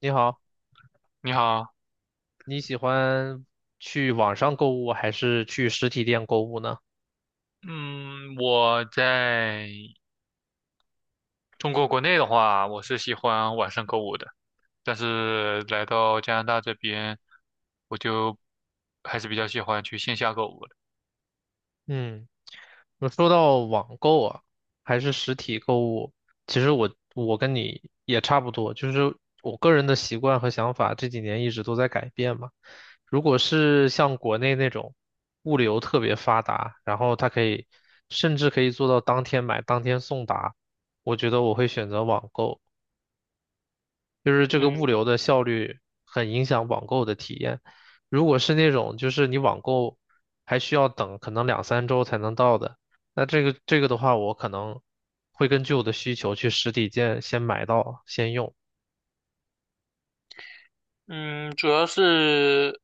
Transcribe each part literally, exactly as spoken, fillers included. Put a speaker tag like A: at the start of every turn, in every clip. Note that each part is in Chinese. A: 你好，
B: 你好。
A: 你喜欢去网上购物还是去实体店购物呢？
B: 嗯，我在中国国内的话，我是喜欢晚上购物的，但是来到加拿大这边，我就还是比较喜欢去线下购物的。
A: 嗯，那说到网购啊，还是实体购物，其实我我跟你也差不多，就是我个人的习惯和想法这几年一直都在改变嘛。如果是像国内那种物流特别发达，然后它可以甚至可以做到当天买当天送达，我觉得我会选择网购。就是这个物流的效率很影响网购的体验。如果是那种就是你网购还需要等可能两三周才能到的，那这个这个的话，我可能会根据我的需求去实体店先买到先用。
B: 嗯，主要是，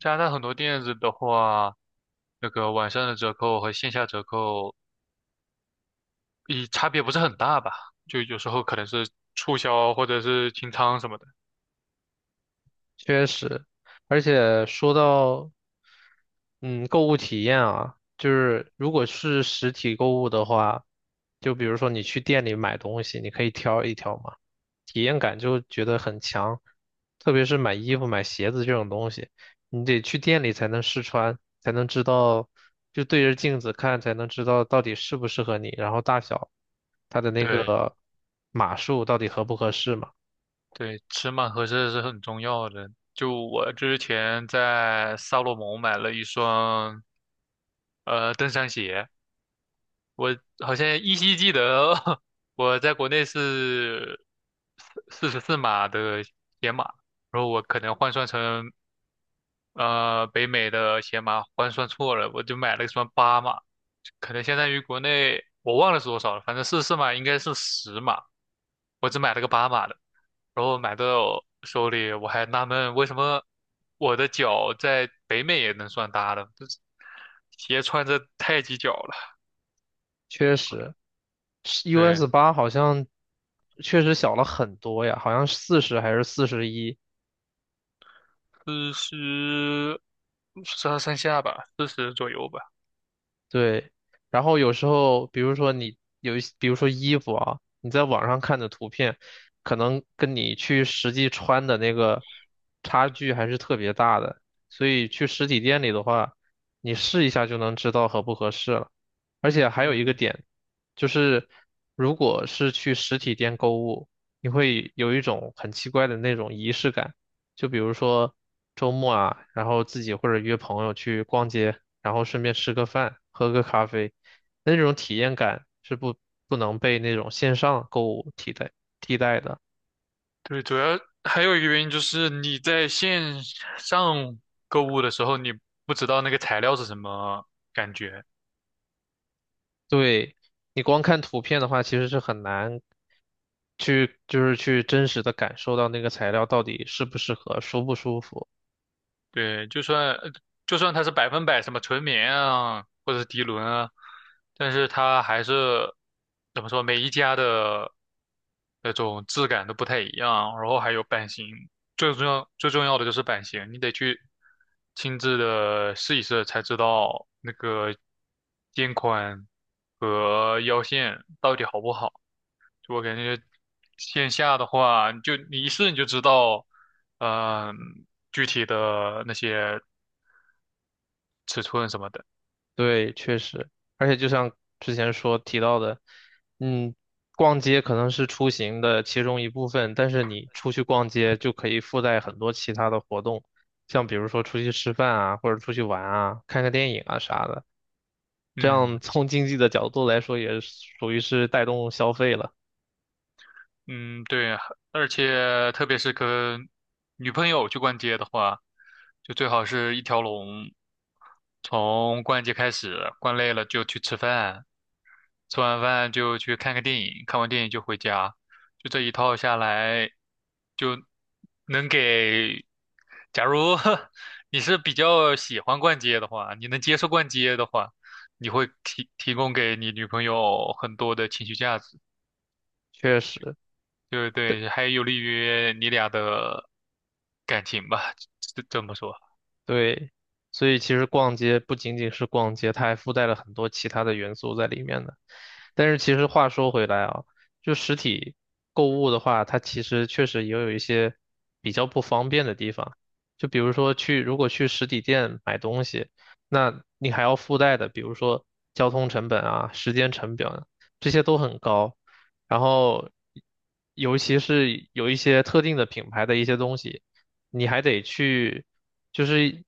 B: 加拿大很多店子的话，那个晚上的折扣和线下折扣，一差别不是很大吧？就有时候可能是促销或者是清仓什么的。
A: 确实，而且说到嗯购物体验啊，就是如果是实体购物的话，就比如说你去店里买东西，你可以挑一挑嘛，体验感就觉得很强，特别是买衣服、买鞋子这种东西，你得去店里才能试穿，才能知道，就对着镜子看才能知道到底适不适合你，然后大小，它的那
B: 对，
A: 个码数到底合不合适嘛。
B: 对，尺码合适是很重要的。就我之前在萨洛蒙买了一双呃登山鞋，我好像依稀记得 我在国内是四十四码的鞋码，然后我可能换算成呃，北美的鞋码换算错了，我就买了个什么八码，可能相当于国内我忘了是多少了，反正是是码应该是十码，我只买了个八码的，然后买到手里我还纳闷为什么我的脚在北美也能算大的，这鞋穿着太挤脚了。
A: 确实是
B: 对，
A: U S 八好像确实小了很多呀，好像四十还是四十一，
B: 四十，上上下吧，四十左右吧。
A: 对，然后有时候，比如说你有一些，比如说衣服啊，你在网上看的图片，可能跟你去实际穿的那个差距还是特别大的，所以去实体店里的话，你试一下就能知道合不合适了。而且还有一个
B: 嗯，
A: 点，就是如果是去实体店购物，你会有一种很奇怪的那种仪式感，就比如说周末啊，然后自己或者约朋友去逛街。然后顺便吃个饭，喝个咖啡，那种体验感是不不能被那种线上购物替代替代的。
B: 对，主要还有一个原因就是你在线上购物的时候，你不知道那个材料是什么感觉。
A: 对，你光看图片的话，其实是很难去就是去真实的感受到那个材料到底适不适合，舒不舒服。
B: 对，就算呃就算它是百分百什么纯棉啊，或者是涤纶啊，但是它还是怎么说，每一家的那种质感都不太一样。然后还有版型，最重要最重要的就是版型，你得去亲自的试一试才知道那个肩宽和腰线到底好不好。就我感觉线下的话，就你一试你就知道，嗯、具体的那些尺寸什么的。
A: 对，确实，而且就像之前说提到的，嗯，逛街可能是出行的其中一部分，但是你出去逛街就可以附带很多其他的活动，像比如说出去吃饭啊，或者出去玩啊，看个电影啊啥的，这
B: 嗯。
A: 样从经济的角度来说，也属于是带动消费了，
B: 嗯，对，而且特别是跟女朋友去逛街的话，就最好是一条龙，从逛街开始，逛累了就去吃饭，吃完饭就去看个电影，看完电影就回家，就这一套下来，就能给。假如 你是比较喜欢逛街的话，你能接受逛街的话，你会提提供给你女朋友很多的情绪价值，
A: 确实。
B: 对对，还有利于你俩的感情吧，这这么说。
A: 对，所以其实逛街不仅仅是逛街，它还附带了很多其他的元素在里面的。但是其实话说回来啊，就实体购物的话，它其实确实也有一些比较不方便的地方。就比如说去，如果去实体店买东西，那你还要附带的，比如说交通成本啊、时间成本啊，这些都很高。然后，尤其是有一些特定的品牌的一些东西。你还得去，就是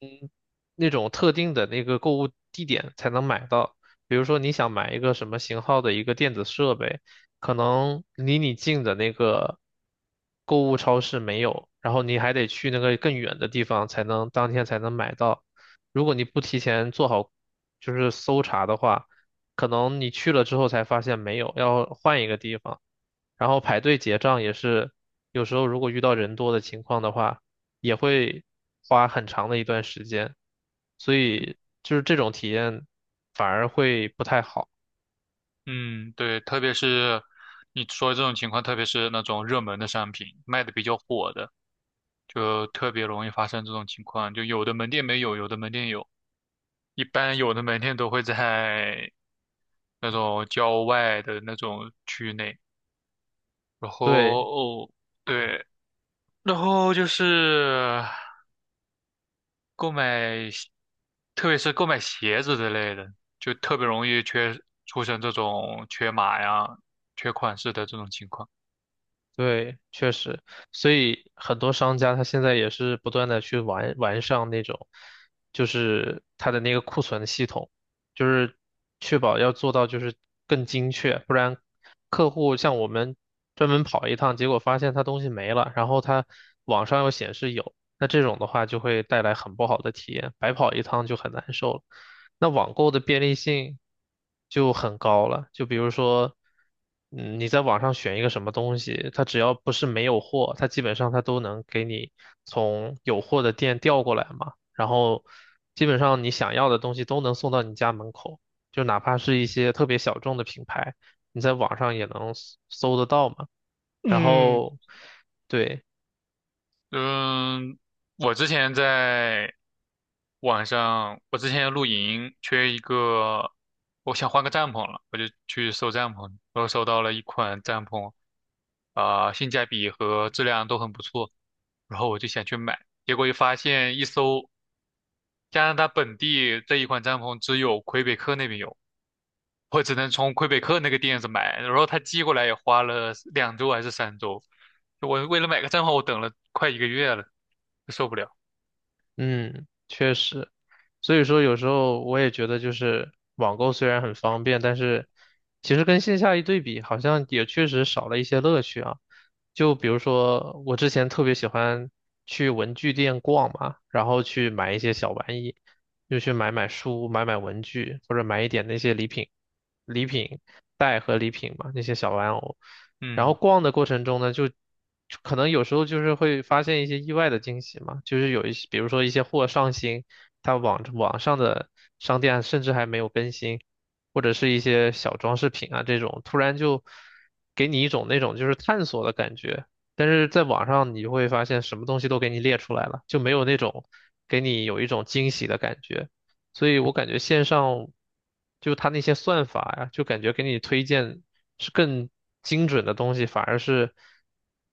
A: 嗯那种特定的那个购物地点才能买到。比如说你想买一个什么型号的一个电子设备，可能离你近的那个购物超市没有，然后你还得去那个更远的地方才能当天才能买到。如果你不提前做好就是搜查的话，可能你去了之后才发现没有，要换一个地方。然后排队结账也是，有时候如果遇到人多的情况的话，也会花很长的一段时间，所以就是这种体验反而会不太好。
B: 嗯，对，特别是你说这种情况，特别是那种热门的商品，卖的比较火的。就特别容易发生这种情况。就有的门店没有，有的门店有。一般有的门店都会在那种郊外的那种区域内。然后
A: 对。
B: 哦，对，然后就是购买鞋特别是购买鞋子之类的，就特别容易缺出现这种缺码呀、缺款式的这种情况。
A: 对，确实，所以很多商家他现在也是不断的去完完善那种，就是他的那个库存系统，就是确保要做到就是更精确，不然客户像我们专门跑一趟，结果发现他东西没了，然后他网上又显示有，那这种的话就会带来很不好的体验，白跑一趟就很难受了。那网购的便利性就很高了。就比如说，嗯，你在网上选一个什么东西，它只要不是没有货，它基本上它都能给你从有货的店调过来嘛。然后基本上你想要的东西都能送到你家门口，就哪怕是一些特别小众的品牌，你在网上也能搜搜得到嘛。然
B: 嗯。
A: 后，对，
B: 嗯，我之前在网上，我之前露营缺一个，我想换个帐篷了，我就去搜帐篷，我搜到了一款帐篷，啊、性价比和质量都很不错，然后我就想去买，结果一发现一搜，加拿大本地这一款帐篷只有魁北克那边有，我只能从魁北克那个店子买，然后他寄过来也花了两周还是三周，我为了买个账号，我等了快一个月了，受不了。
A: 嗯，确实，所以说有时候我也觉得，就是网购虽然很方便，但是其实跟线下一对比，好像也确实少了一些乐趣啊。就比如说，我之前特别喜欢去文具店逛嘛，然后去买一些小玩意，又去买买书、买买文具，或者买一点那些礼品、礼品袋和礼品嘛，那些小玩偶。然后
B: 嗯。
A: 逛的过程中呢，就就可能有时候就是会发现一些意外的惊喜嘛，就是有一些，比如说一些货上新，它网网上的商店甚至还没有更新，或者是一些小装饰品啊这种，突然就给你一种那种就是探索的感觉。但是在网上你就会发现什么东西都给你列出来了，就没有那种给你有一种惊喜的感觉。所以我感觉线上就它那些算法呀，就感觉给你推荐是更精准的东西，反而是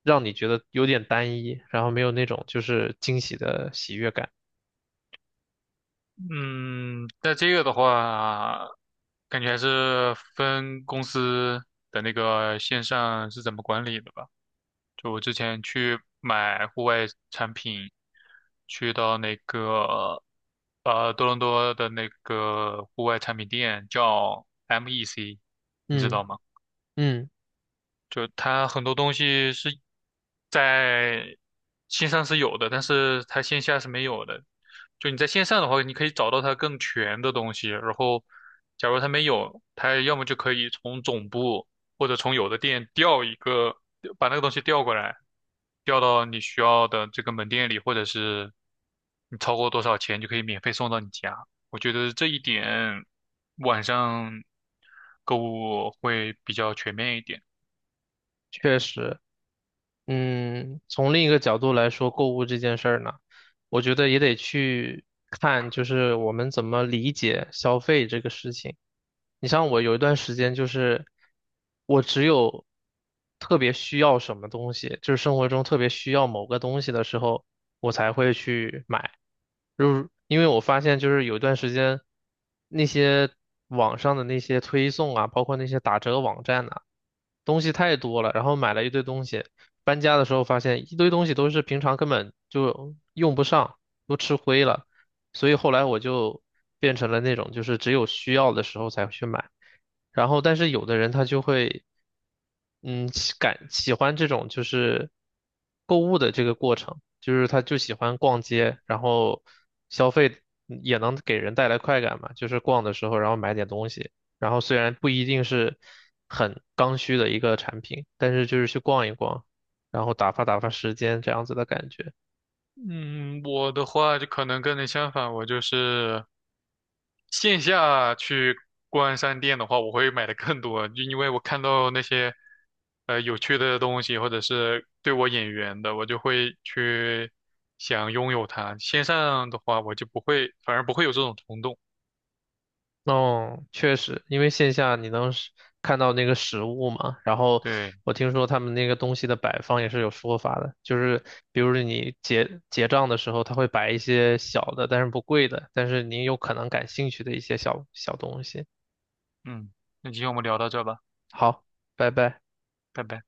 A: 让你觉得有点单一，然后没有那种就是惊喜的喜悦感。
B: 嗯，但这个的话，感觉还是分公司的那个线上是怎么管理的吧。就我之前去买户外产品，去到那个呃多伦多的那个户外产品店叫 M E C，你知
A: 嗯
B: 道吗？
A: 嗯，
B: 就它很多东西是在线上是有的，但是它线下是没有的。就你在线上的话，你可以找到它更全的东西。然后，假如它没有，它要么就可以从总部或者从有的店调一个，把那个东西调过来，调到你需要的这个门店里，或者是你超过多少钱就可以免费送到你家。我觉得这一点晚上购物会比较全面一点。
A: 确实，嗯，从另一个角度来说，购物这件事儿呢，我觉得也得去看就是我们怎么理解消费这个事情。你像我有一段时间就是，我只有特别需要什么东西，就是生活中特别需要某个东西的时候，我才会去买。就是因为我发现，就是有一段时间，那些网上的那些推送啊，包括那些打折网站呐、东西太多了，然后买了一堆东西，搬家的时候发现一堆东西都是平常根本就用不上，都吃灰了。所以后来我就变成了那种就是只有需要的时候才会去买，然后但是有的人他就会嗯喜感喜欢这种就是购物的这个过程，就是他就喜欢逛街，然后消费也能给人带来快感嘛，就是逛的时候然后买点东西，然后虽然不一定是很刚需的一个产品，但是就是去逛一逛，然后打发打发时间这样子的感觉。
B: 嗯，我的话就可能跟你相反，我就是线下去逛商店的话，我会买的更多，就因为我看到那些呃有趣的东西，或者是对我眼缘的，我就会去想拥有它。线上的话，我就不会，反而不会有这种冲动。
A: 哦，确实，因为线下你能是看到那个实物嘛，然后
B: 对。
A: 我听说他们那个东西的摆放也是有说法的，就是比如说你结结账的时候，他会摆一些小的，但是不贵的，但是你有可能感兴趣的一些小小东西。
B: 嗯，那今天我们聊到这吧。
A: 好，拜拜。
B: 拜拜。